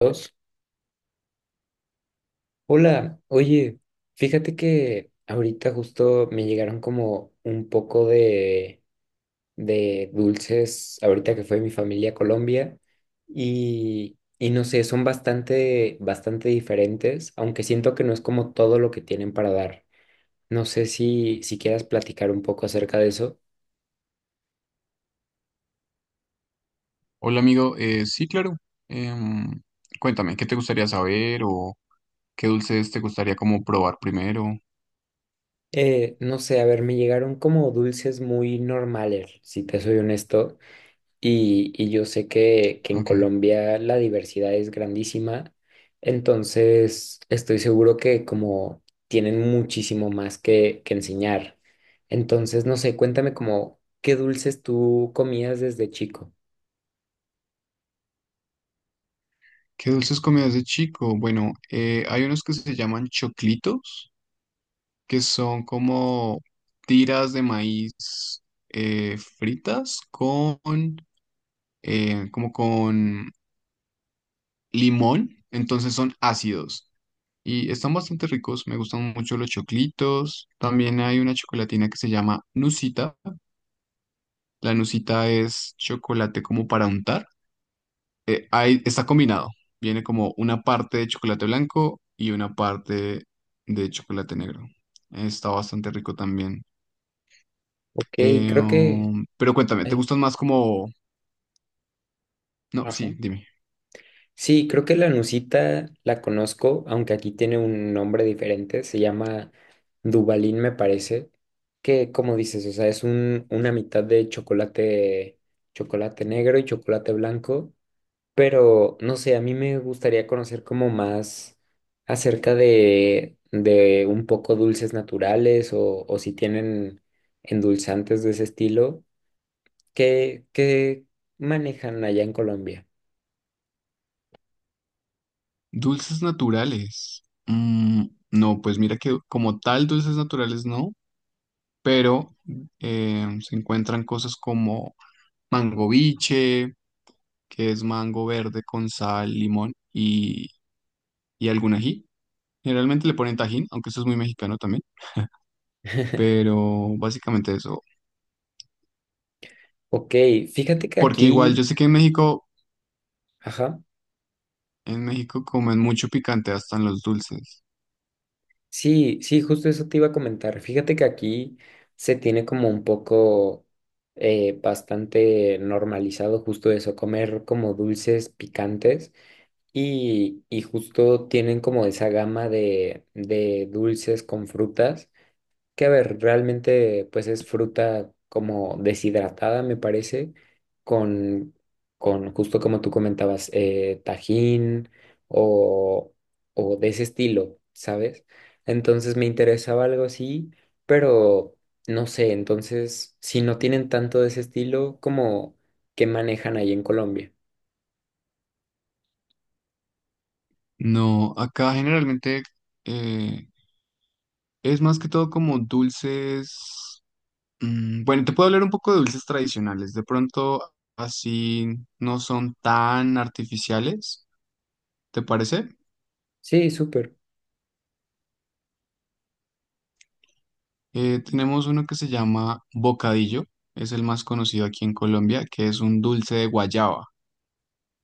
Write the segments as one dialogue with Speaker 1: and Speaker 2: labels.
Speaker 1: Dos. Hola, oye, fíjate que ahorita justo me llegaron como un poco de dulces, ahorita que fue mi familia a Colombia, y no sé, son bastante, bastante diferentes, aunque siento que no es como todo lo que tienen para dar. No sé si quieras platicar un poco acerca de eso.
Speaker 2: Hola, amigo. Sí, claro. Em, Cuéntame, ¿qué te gustaría saber o qué dulces te gustaría como probar primero?
Speaker 1: No sé, a ver, me llegaron como dulces muy normales, si te soy honesto. Y yo sé que en
Speaker 2: Ok.
Speaker 1: Colombia la diversidad es grandísima, entonces estoy seguro que como tienen muchísimo más que enseñar. Entonces, no sé, cuéntame como qué dulces tú comías desde chico.
Speaker 2: ¿Qué dulces comías de chico? Bueno, hay unos que se llaman choclitos, que son como tiras de maíz, fritas con, como con limón, entonces son ácidos. Y están bastante ricos, me gustan mucho los choclitos. También hay una chocolatina que se llama Nusita. La nucita es chocolate como para untar. Ahí está combinado. Viene como una parte de chocolate blanco y una parte de chocolate negro. Está bastante rico también.
Speaker 1: Ok, creo que...
Speaker 2: Pero cuéntame, ¿te
Speaker 1: ay,
Speaker 2: gustan más como... No,
Speaker 1: ajá.
Speaker 2: sí, dime.
Speaker 1: Sí, creo que la Nusita la conozco, aunque aquí tiene un nombre diferente, se llama Dubalín, me parece, que como dices, o sea, es una mitad de chocolate, chocolate negro y chocolate blanco, pero no sé, a mí me gustaría conocer como más acerca de un poco dulces naturales o si tienen endulzantes de ese estilo, que manejan allá en Colombia.
Speaker 2: Dulces naturales. Mm, no, pues mira que como tal dulces naturales no, pero se encuentran cosas como mango biche, que es mango verde con sal, limón y algún ají. Generalmente le ponen tajín, aunque eso es muy mexicano también, pero básicamente eso.
Speaker 1: Ok, fíjate que
Speaker 2: Porque igual yo
Speaker 1: aquí,
Speaker 2: sé que
Speaker 1: ajá,
Speaker 2: en México comen mucho picante hasta en los dulces.
Speaker 1: sí, sí, justo eso te iba a comentar. Fíjate que aquí se tiene como un poco bastante normalizado justo eso, comer como dulces picantes y justo tienen como esa gama de dulces con frutas. Que a ver, realmente pues es fruta como deshidratada, me parece, con, con justo como tú comentabas, tajín o, o de ese estilo, ¿sabes? Entonces me interesaba algo así, pero no sé, entonces si no tienen tanto de ese estilo, ¿como que manejan ahí en Colombia?
Speaker 2: No, acá generalmente, eh, es más que todo como dulces. Mm, bueno, te puedo hablar un poco de dulces tradicionales. De pronto así no son tan artificiales, ¿te parece?
Speaker 1: Sí, súper.
Speaker 2: Tenemos uno que se llama bocadillo, es el más conocido aquí en Colombia, que es un dulce de guayaba.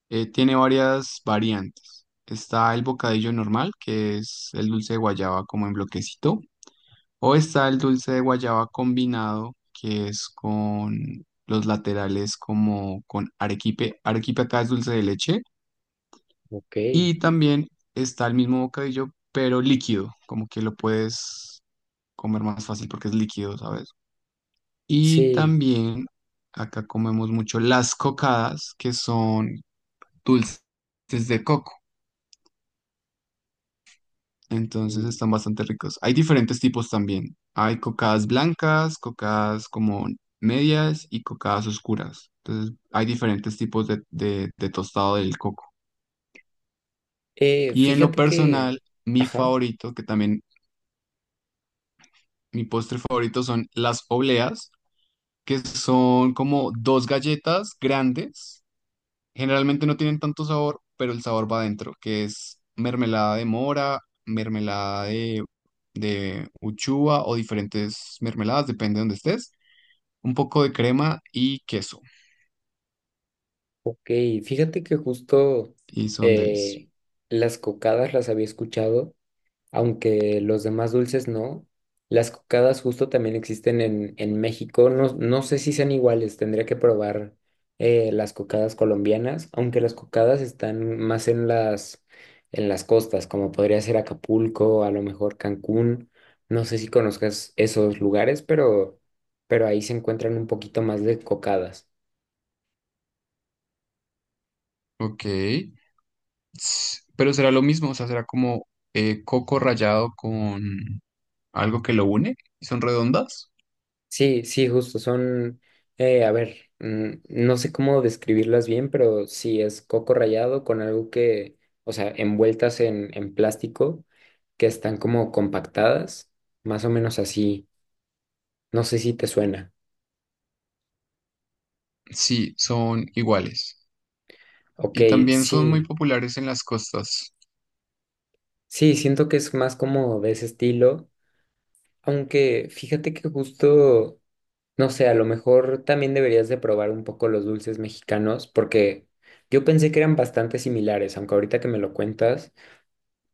Speaker 2: Tiene varias variantes. Está el bocadillo normal, que es el dulce de guayaba como en bloquecito, o está el dulce de guayaba combinado, que es con los laterales como con arequipe. Arequipe acá es dulce de leche.
Speaker 1: Ok,
Speaker 2: Y también está el mismo bocadillo, pero líquido, como que lo puedes comer más fácil porque es líquido, ¿sabes? Y
Speaker 1: sí.
Speaker 2: también acá comemos mucho las cocadas, que son dulces de coco. Entonces
Speaker 1: Mm.
Speaker 2: están bastante ricos. Hay diferentes tipos también. Hay cocadas blancas, cocadas como medias y cocadas oscuras. Entonces hay diferentes tipos de, de tostado del coco. Y en lo
Speaker 1: Fíjate que,
Speaker 2: personal, mi
Speaker 1: ajá.
Speaker 2: favorito, que también mi postre favorito son las obleas, que son como dos galletas grandes. Generalmente no tienen tanto sabor, pero el sabor va adentro, que es mermelada de mora, mermelada de uchuva o diferentes mermeladas, depende de donde estés. Un poco de crema y queso.
Speaker 1: Ok, fíjate que justo
Speaker 2: Y son delis.
Speaker 1: eh, las cocadas las había escuchado, aunque los demás dulces no. Las cocadas justo también existen en México. No, no sé si sean iguales, tendría que probar las cocadas colombianas, aunque las cocadas están más en las costas, como podría ser Acapulco, a lo mejor Cancún. No sé si conozcas esos lugares, pero ahí se encuentran un poquito más de cocadas.
Speaker 2: Ok. Pero será lo mismo, o sea, será como coco rallado con algo que lo une. ¿Y son redondas?
Speaker 1: Sí, sí, justo, son, a ver, mm, no sé cómo describirlas bien, pero sí es coco rallado con algo que, o sea, envueltas en plástico, que están como compactadas, más o menos así, no sé si te suena.
Speaker 2: Sí, son iguales.
Speaker 1: Ok,
Speaker 2: Y también son muy
Speaker 1: sí,
Speaker 2: populares en las costas.
Speaker 1: sí, siento que es más como de ese estilo, aunque fíjate que justo, no sé, a lo mejor también deberías de probar un poco los dulces mexicanos, porque yo pensé que eran bastante similares, aunque ahorita que me lo cuentas,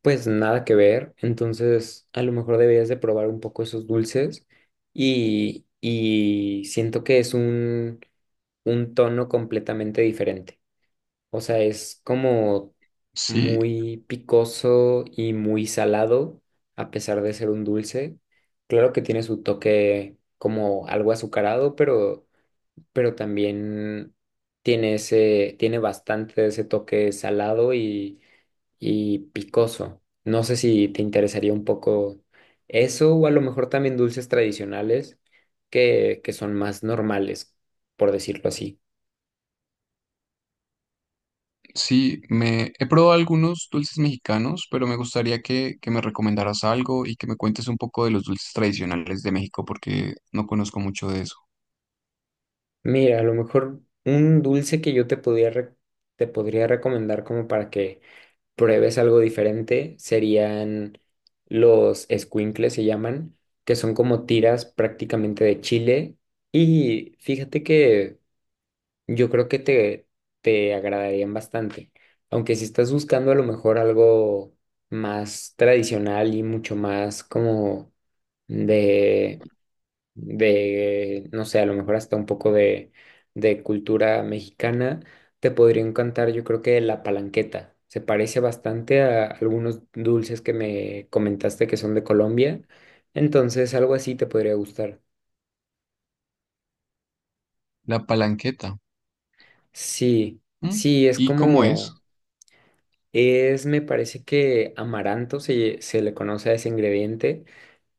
Speaker 1: pues nada que ver, entonces a lo mejor deberías de probar un poco esos dulces y siento que es un tono completamente diferente, o sea, es como
Speaker 2: Sí,
Speaker 1: muy picoso y muy salado a pesar de ser un dulce, claro que tiene su toque como algo azucarado, pero también tiene ese, tiene bastante de ese toque salado y picoso. No sé si te interesaría un poco eso o a lo mejor también dulces tradicionales que son más normales, por decirlo así.
Speaker 2: sí, me he probado algunos dulces mexicanos, pero me gustaría que me recomendaras algo y que me cuentes un poco de los dulces tradicionales de México, porque no conozco mucho de eso.
Speaker 1: Mira, a lo mejor un dulce que yo te podía te podría recomendar como para que pruebes algo diferente serían los escuincles, se llaman, que son como tiras prácticamente de chile. Y fíjate que yo creo que te agradarían bastante, aunque si estás buscando a lo mejor algo más tradicional y mucho más como de, de, no sé, a lo mejor hasta un poco de cultura mexicana, te podría encantar, yo creo que la palanqueta. Se parece bastante a algunos dulces que me comentaste que son de Colombia, entonces algo así te podría gustar.
Speaker 2: La palanqueta.
Speaker 1: Sí,
Speaker 2: ¿M?
Speaker 1: sí, es
Speaker 2: ¿Y cómo es?
Speaker 1: como... Es, me parece que amaranto se le conoce a ese ingrediente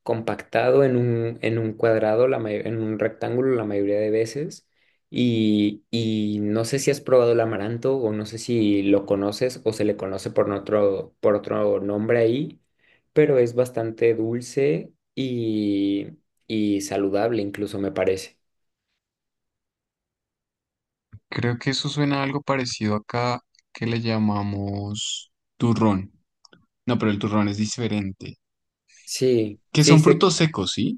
Speaker 1: compactado en un cuadrado, la en un rectángulo la mayoría de veces. Y no sé si has probado el amaranto o no sé si lo conoces o se le conoce por otro nombre ahí, pero es bastante dulce y saludable incluso me parece.
Speaker 2: Creo que eso suena a algo parecido acá que le llamamos turrón. No, pero el turrón es diferente.
Speaker 1: Sí,
Speaker 2: Que
Speaker 1: sí,
Speaker 2: son
Speaker 1: sí.
Speaker 2: frutos secos, ¿sí?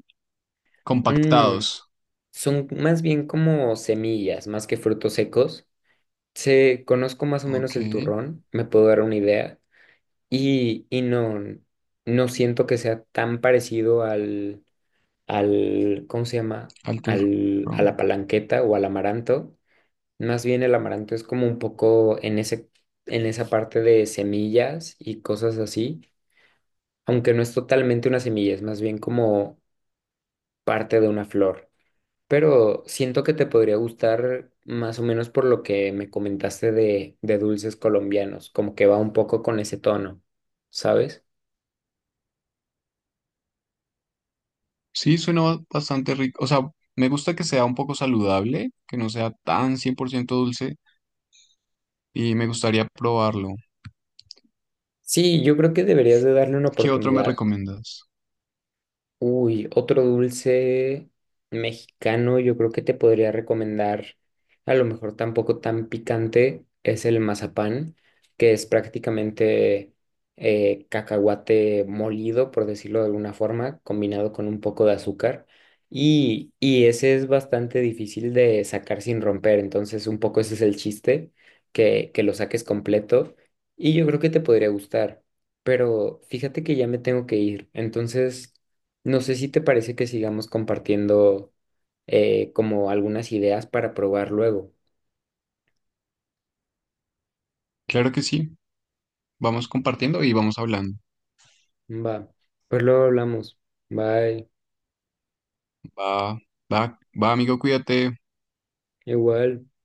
Speaker 1: Mm,
Speaker 2: Compactados.
Speaker 1: son más bien como semillas, más que frutos secos. Sé, conozco más o menos
Speaker 2: Ok,
Speaker 1: el turrón, me puedo dar una idea y no, no siento que sea tan parecido al, al, ¿cómo se llama?
Speaker 2: al
Speaker 1: Al, a la
Speaker 2: turrón.
Speaker 1: palanqueta o al amaranto. Más bien el amaranto es como un poco en ese, en esa parte de semillas y cosas así, aunque no es totalmente una semilla, es más bien como parte de una flor. Pero siento que te podría gustar más o menos por lo que me comentaste de dulces colombianos, como que va un poco con ese tono, ¿sabes?
Speaker 2: Sí, suena bastante rico. O sea, me gusta que sea un poco saludable, que no sea tan 100% dulce y me gustaría probarlo.
Speaker 1: Sí, yo creo que deberías de darle una
Speaker 2: ¿Qué otro me
Speaker 1: oportunidad.
Speaker 2: recomiendas?
Speaker 1: Uy, otro dulce mexicano, yo creo que te podría recomendar, a lo mejor tampoco tan picante, es el mazapán, que es prácticamente cacahuate molido, por decirlo de alguna forma, combinado con un poco de azúcar. Y ese es bastante difícil de sacar sin romper, entonces un poco ese es el chiste, que lo saques completo y yo creo que te podría gustar. Pero fíjate que ya me tengo que ir, entonces... No sé si te parece que sigamos compartiendo como algunas ideas para probar luego.
Speaker 2: Claro que sí. Vamos compartiendo y vamos hablando.
Speaker 1: Va, pues luego hablamos. Bye,
Speaker 2: Va, va, va, amigo, cuídate.
Speaker 1: igual.